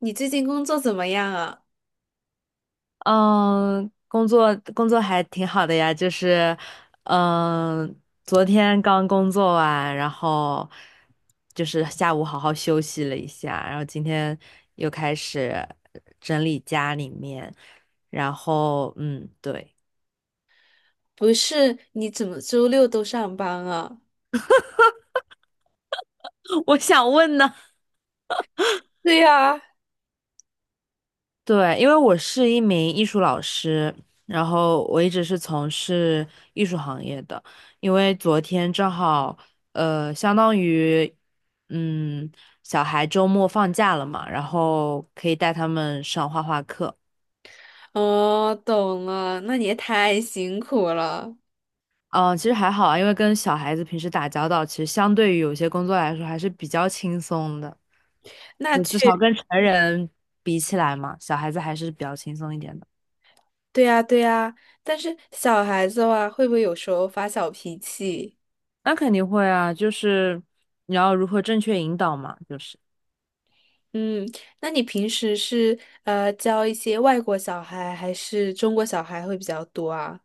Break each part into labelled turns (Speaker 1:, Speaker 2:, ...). Speaker 1: 你最近工作怎么样啊？
Speaker 2: 嗯，工作还挺好的呀，就是，嗯，昨天刚工作完，然后就是下午好好休息了一下，然后今天又开始整理家里面，然后嗯，对，
Speaker 1: 不是，你怎么周六都上班啊？
Speaker 2: 我想问呢，
Speaker 1: 对呀，
Speaker 2: 对，因为我是一名艺术老师，然后我一直是从事艺术行业的。因为昨天正好，相当于，嗯，小孩周末放假了嘛，然后可以带他们上画画课。
Speaker 1: 哦，懂了，那你也太辛苦了。
Speaker 2: 嗯，其实还好啊，因为跟小孩子平时打交道，其实相对于有些工作来说还是比较轻松的，
Speaker 1: 那
Speaker 2: 就至
Speaker 1: 确，
Speaker 2: 少跟成人比起来嘛，小孩子还是比较轻松一点的。
Speaker 1: 对呀，对呀。但是小孩子哇，会不会有时候发小脾气？
Speaker 2: 那肯定会啊，就是你要如何正确引导嘛，就是，
Speaker 1: 嗯，那你平时是教一些外国小孩还是中国小孩会比较多啊？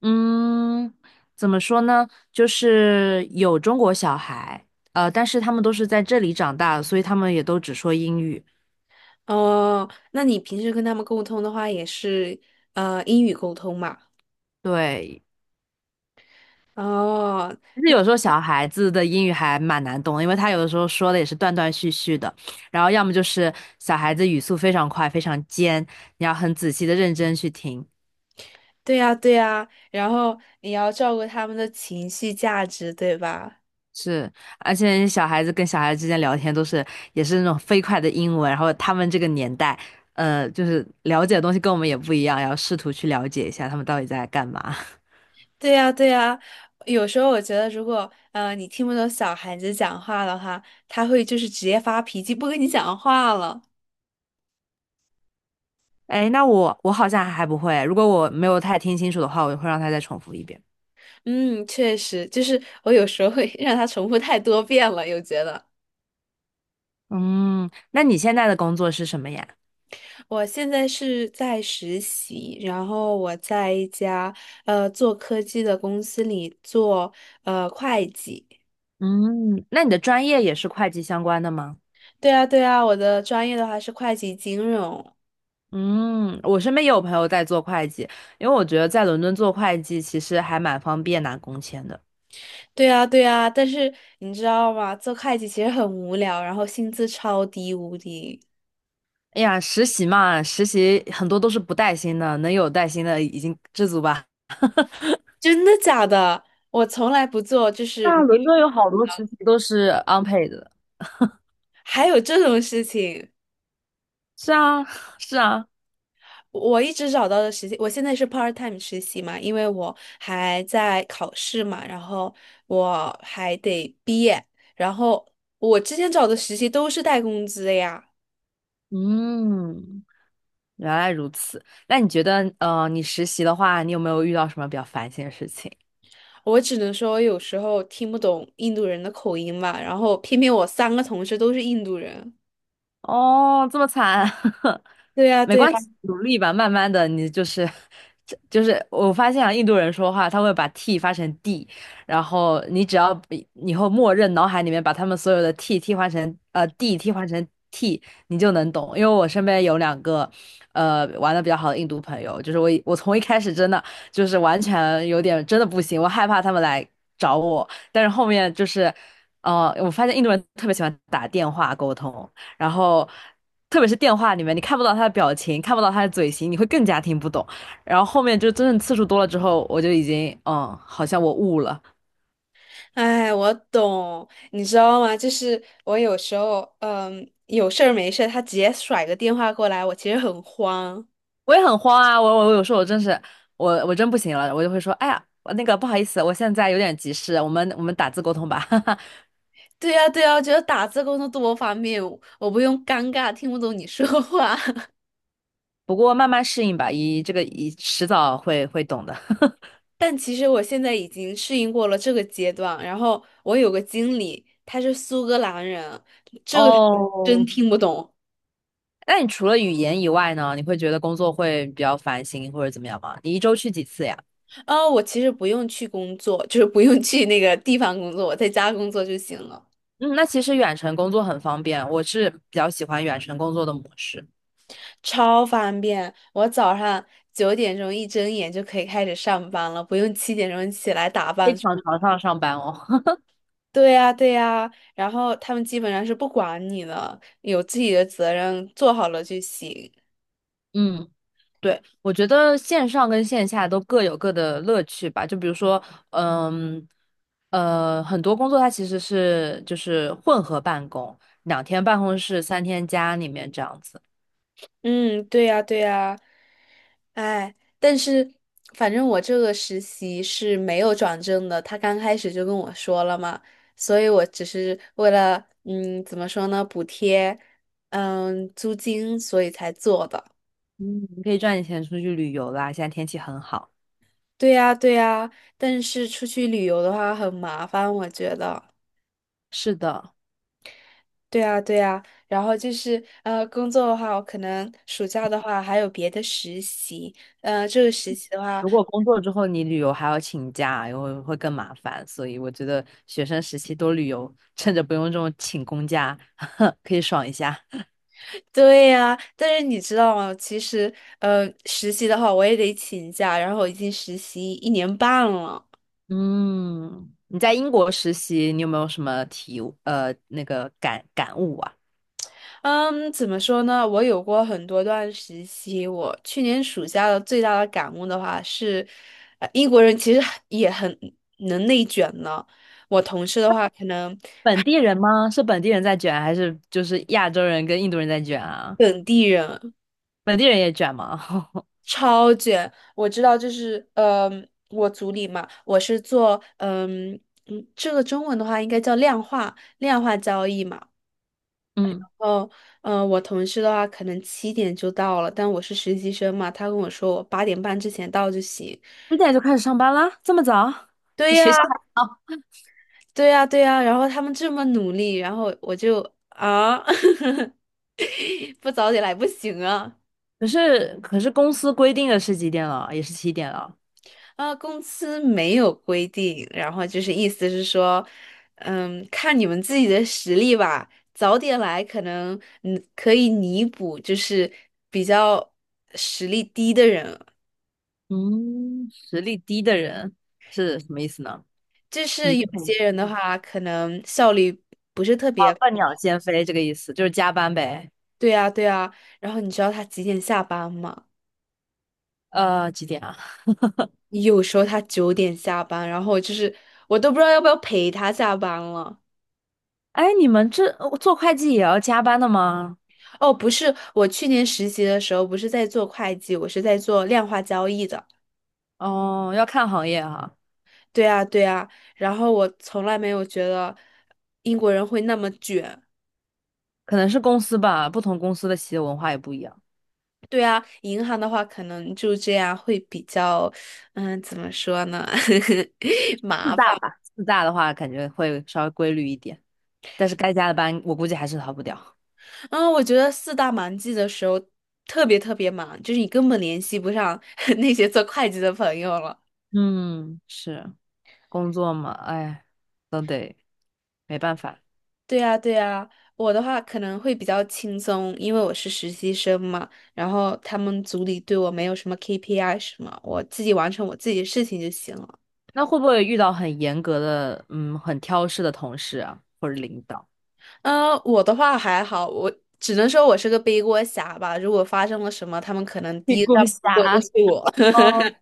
Speaker 2: 嗯，怎么说呢？就是有中国小孩，但是他们都是在这里长大，所以他们也都只说英语。
Speaker 1: 哦，那你平时跟他们沟通的话，也是英语沟通嘛？
Speaker 2: 对，
Speaker 1: 哦，
Speaker 2: 其实有时候小孩子的英语还蛮难懂的，因为他有的时候说的也是断断续续的，然后要么就是小孩子语速非常快，非常尖，你要很仔细的认真去听；
Speaker 1: 对呀，对呀，然后你要照顾他们的情绪价值，对吧？
Speaker 2: 是，而且小孩子跟小孩子之间聊天都是也是那种飞快的英文，然后他们这个年代，就是了解的东西跟我们也不一样，要试图去了解一下他们到底在干嘛。
Speaker 1: 对呀，对呀，有时候我觉得，如果你听不懂小孩子讲话的话，他会就是直接发脾气，不跟你讲话了。
Speaker 2: 哎，那我好像还不会，如果我没有太听清楚的话，我会让他再重复一遍。
Speaker 1: 嗯，确实，就是我有时候会 让他重复太多遍了，又觉得
Speaker 2: 嗯，那你现在的工作是什么呀？
Speaker 1: 我现在是在实习，然后我在一家做科技的公司里做会计。
Speaker 2: 嗯，那你的专业也是会计相关的吗？
Speaker 1: 对啊，对啊，我的专业的话是会计金融。
Speaker 2: 嗯，我身边也有朋友在做会计，因为我觉得在伦敦做会计其实还蛮方便拿工签的。
Speaker 1: 对呀，对呀，但是你知道吗？做会计其实很无聊，然后薪资超低无敌。
Speaker 2: 哎呀，实习嘛，实习很多都是不带薪的，能有带薪的已经知足吧。
Speaker 1: 真的假的？我从来不做，就是
Speaker 2: 那
Speaker 1: 没有
Speaker 2: 伦敦有好多
Speaker 1: 的
Speaker 2: 实习都是 unpaid 的。
Speaker 1: 还有这种事情。
Speaker 2: 是啊，是啊，
Speaker 1: 我一直找到的实习，我现在是 part time 实习嘛，因为我还在考试嘛，然后我还得毕业，然后我之前找的实习都是带工资的呀。
Speaker 2: 嗯，原来如此。那你觉得，你实习的话，你有没有遇到什么比较烦心的事情？
Speaker 1: 我只能说有时候听不懂印度人的口音嘛，然后偏偏我3个同事都是印度人。
Speaker 2: 哦，这么惨，
Speaker 1: 对呀，
Speaker 2: 没
Speaker 1: 对
Speaker 2: 关
Speaker 1: 呀，
Speaker 2: 系，努力吧，慢慢的，你就是，这就是我发现啊，印度人说话他会把 t 发成 d,然后你只要以后默认脑海里面把他们所有的 t 替换成d 替换成 t,你就能懂。因为我身边有两个，玩的比较好的印度朋友，就是我从一开始真的就是完全有点真的不行，我害怕他们来找我，但是后面就是，我发现印度人特别喜欢打电话沟通。然后特别是电话里面，你看不到他的表情，看不到他的嘴型，你会更加听不懂。然后后面就真正次数多了之后，我就已经好像我悟了，
Speaker 1: 哎，我懂，你知道吗？就是我有时候，有事儿没事儿，他直接甩个电话过来，我其实很慌。
Speaker 2: 我也很慌啊，我有时候我真是我真不行了，我就会说，哎呀，那个不好意思，我现在有点急事，我们打字沟通吧，哈哈。
Speaker 1: 对呀，对呀，我觉得打字工作多方便，我不用尴尬听不懂你说话。
Speaker 2: 不过慢慢适应吧，这个迟早会懂的。
Speaker 1: 但其实我现在已经适应过了这个阶段。然后我有个经理，他是苏格兰人，这个是真
Speaker 2: 哦，
Speaker 1: 听不懂。
Speaker 2: 那你除了语言以外呢，你会觉得工作会比较烦心或者怎么样吗？你一周去几次呀？
Speaker 1: 哦，我其实不用去工作，就是不用去那个地方工作，我在家工作就行了。
Speaker 2: 嗯，那其实远程工作很方便，我是比较喜欢远程工作的模式，
Speaker 1: 超方便。我早上9点钟一睁眼就可以开始上班了，不用7点钟起来打
Speaker 2: 非
Speaker 1: 扮出。
Speaker 2: 常常上班哦。
Speaker 1: 对呀，对呀，然后他们基本上是不管你的，有自己的责任，做好了就行。
Speaker 2: 嗯，对，我觉得线上跟线下都各有各的乐趣吧。就比如说，嗯，很多工作它其实就是混合办公，两天办公室，三天家里面这样子。
Speaker 1: 嗯，对呀，对呀，哎，但是反正我这个实习是没有转正的，他刚开始就跟我说了嘛，所以我只是为了怎么说呢，补贴租金，所以才做的。
Speaker 2: 嗯，你可以赚点钱出去旅游啦，现在天气很好。
Speaker 1: 对呀，对呀，但是出去旅游的话很麻烦，我觉得。
Speaker 2: 是的。
Speaker 1: 对呀，对呀，然后就是工作的话，我可能暑假的话还有别的实习，这个实习的话，
Speaker 2: 如果工作之后你旅游还要请假，然后会更麻烦，所以我觉得学生时期多旅游，趁着不用这种请公假，可以爽一下。
Speaker 1: 对呀，但是你知道吗？其实实习的话我也得请假，然后我已经实习1年半了。
Speaker 2: 嗯，你在英国实习，你有没有什么体悟那个感悟啊？
Speaker 1: 嗯，怎么说呢？我有过很多段时期。我去年暑假的最大的感悟的话是，英国人其实很也很能内卷呢。我同事的话，可能
Speaker 2: 本地人吗？是本地人在卷，还是就是亚洲人跟印度人在卷啊？
Speaker 1: 本地人
Speaker 2: 本地人也卷吗？
Speaker 1: 超卷。我知道，就是我组里嘛，我是做这个中文的话应该叫量化交易嘛。
Speaker 2: 嗯，
Speaker 1: 哦，嗯，我同事的话可能七点就到了，但我是实习生嘛，他跟我说我8点半之前到就行。
Speaker 2: 几点就开始上班啦？这么早？
Speaker 1: 对
Speaker 2: 比学校
Speaker 1: 呀。
Speaker 2: 还早？
Speaker 1: 对呀，对呀，然后他们这么努力，然后我就啊，不早点来不行啊！
Speaker 2: 可是公司规定的是几点了？也是七点了。
Speaker 1: 啊，公司没有规定，然后就是意思是说，看你们自己的实力吧，早点来可能可以弥补，就是比较实力低的人，
Speaker 2: 嗯，实力低的人是什么意思呢？
Speaker 1: 就
Speaker 2: 明
Speaker 1: 是有
Speaker 2: 桶
Speaker 1: 些人
Speaker 2: 实
Speaker 1: 的
Speaker 2: 力
Speaker 1: 话，可能效率不是特
Speaker 2: 啊，
Speaker 1: 别
Speaker 2: 笨鸟
Speaker 1: 高
Speaker 2: 先飞这个意思，就是加班呗。
Speaker 1: 对呀，对呀，然后你知道他几点下班吗？
Speaker 2: 几点啊？
Speaker 1: 有时候他九点下班，然后就是我都不知道要不要陪他下班了。
Speaker 2: 哎，你们这做会计也要加班的吗？
Speaker 1: 哦，不是，我去年实习的时候不是在做会计，我是在做量化交易的。
Speaker 2: 哦，要看行业哈，
Speaker 1: 对啊，对啊，然后我从来没有觉得英国人会那么卷。
Speaker 2: 可能是公司吧，不同公司的企业文化也不一样。
Speaker 1: 对啊，银行的话可能就这样会比较，怎么说呢，
Speaker 2: 四
Speaker 1: 麻
Speaker 2: 大
Speaker 1: 烦。
Speaker 2: 吧，四大的话感觉会稍微规律一点，但是该加的班我估计还是逃不掉。
Speaker 1: 嗯，我觉得四大忙季的时候特别特别忙，就是你根本联系不上 那些做会计的朋友了。
Speaker 2: 嗯，是工作嘛，哎，都得没办法。
Speaker 1: 对呀，对呀，我的话可能会比较轻松，因为我是实习生嘛，然后他们组里对我没有什么 KPI 什么，我自己完成我自己的事情就行了。
Speaker 2: 那会不会遇到很严格的，嗯，很挑事的同事啊，或者领导？
Speaker 1: 嗯，我的话还好，我只能说我是个背锅侠吧。如果发生了什么，他们可能 第
Speaker 2: 屁
Speaker 1: 一个
Speaker 2: 股
Speaker 1: 说的
Speaker 2: 侠，
Speaker 1: 是我。
Speaker 2: 哦，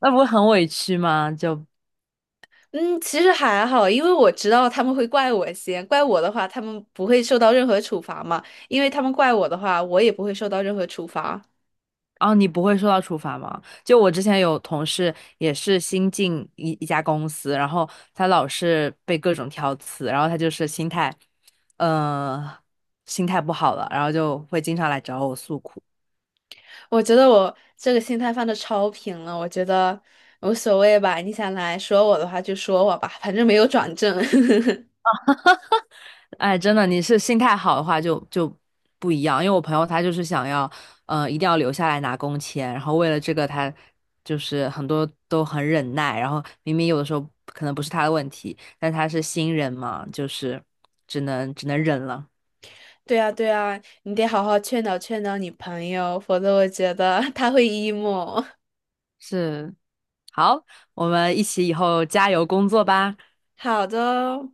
Speaker 2: 那不会很委屈吗？就
Speaker 1: 嗯，其实还好，因为我知道他们会怪我先，怪我的话，他们不会受到任何处罚嘛，因为他们怪我的话，我也不会受到任何处罚。
Speaker 2: 哦，你不会受到处罚吗？就我之前有同事也是新进一家公司，然后他老是被各种挑刺，然后他就是心态，嗯，心态不好了，然后就会经常来找我诉苦。
Speaker 1: 我觉得我这个心态放的超平了，我觉得无所谓吧。你想来说我的话就说我吧，反正没有转正。
Speaker 2: 哎，真的，你是心态好的话就不一样。因为我朋友他就是想要，一定要留下来拿工签，然后为了这个他就是很多都很忍耐，然后明明有的时候可能不是他的问题，但他是新人嘛，就是只能忍了。
Speaker 1: 对啊，对啊，你得好好劝导劝导你朋友，否则我觉得 他会 emo。
Speaker 2: 是，好，我们一起以后加油工作吧。
Speaker 1: 好的哦。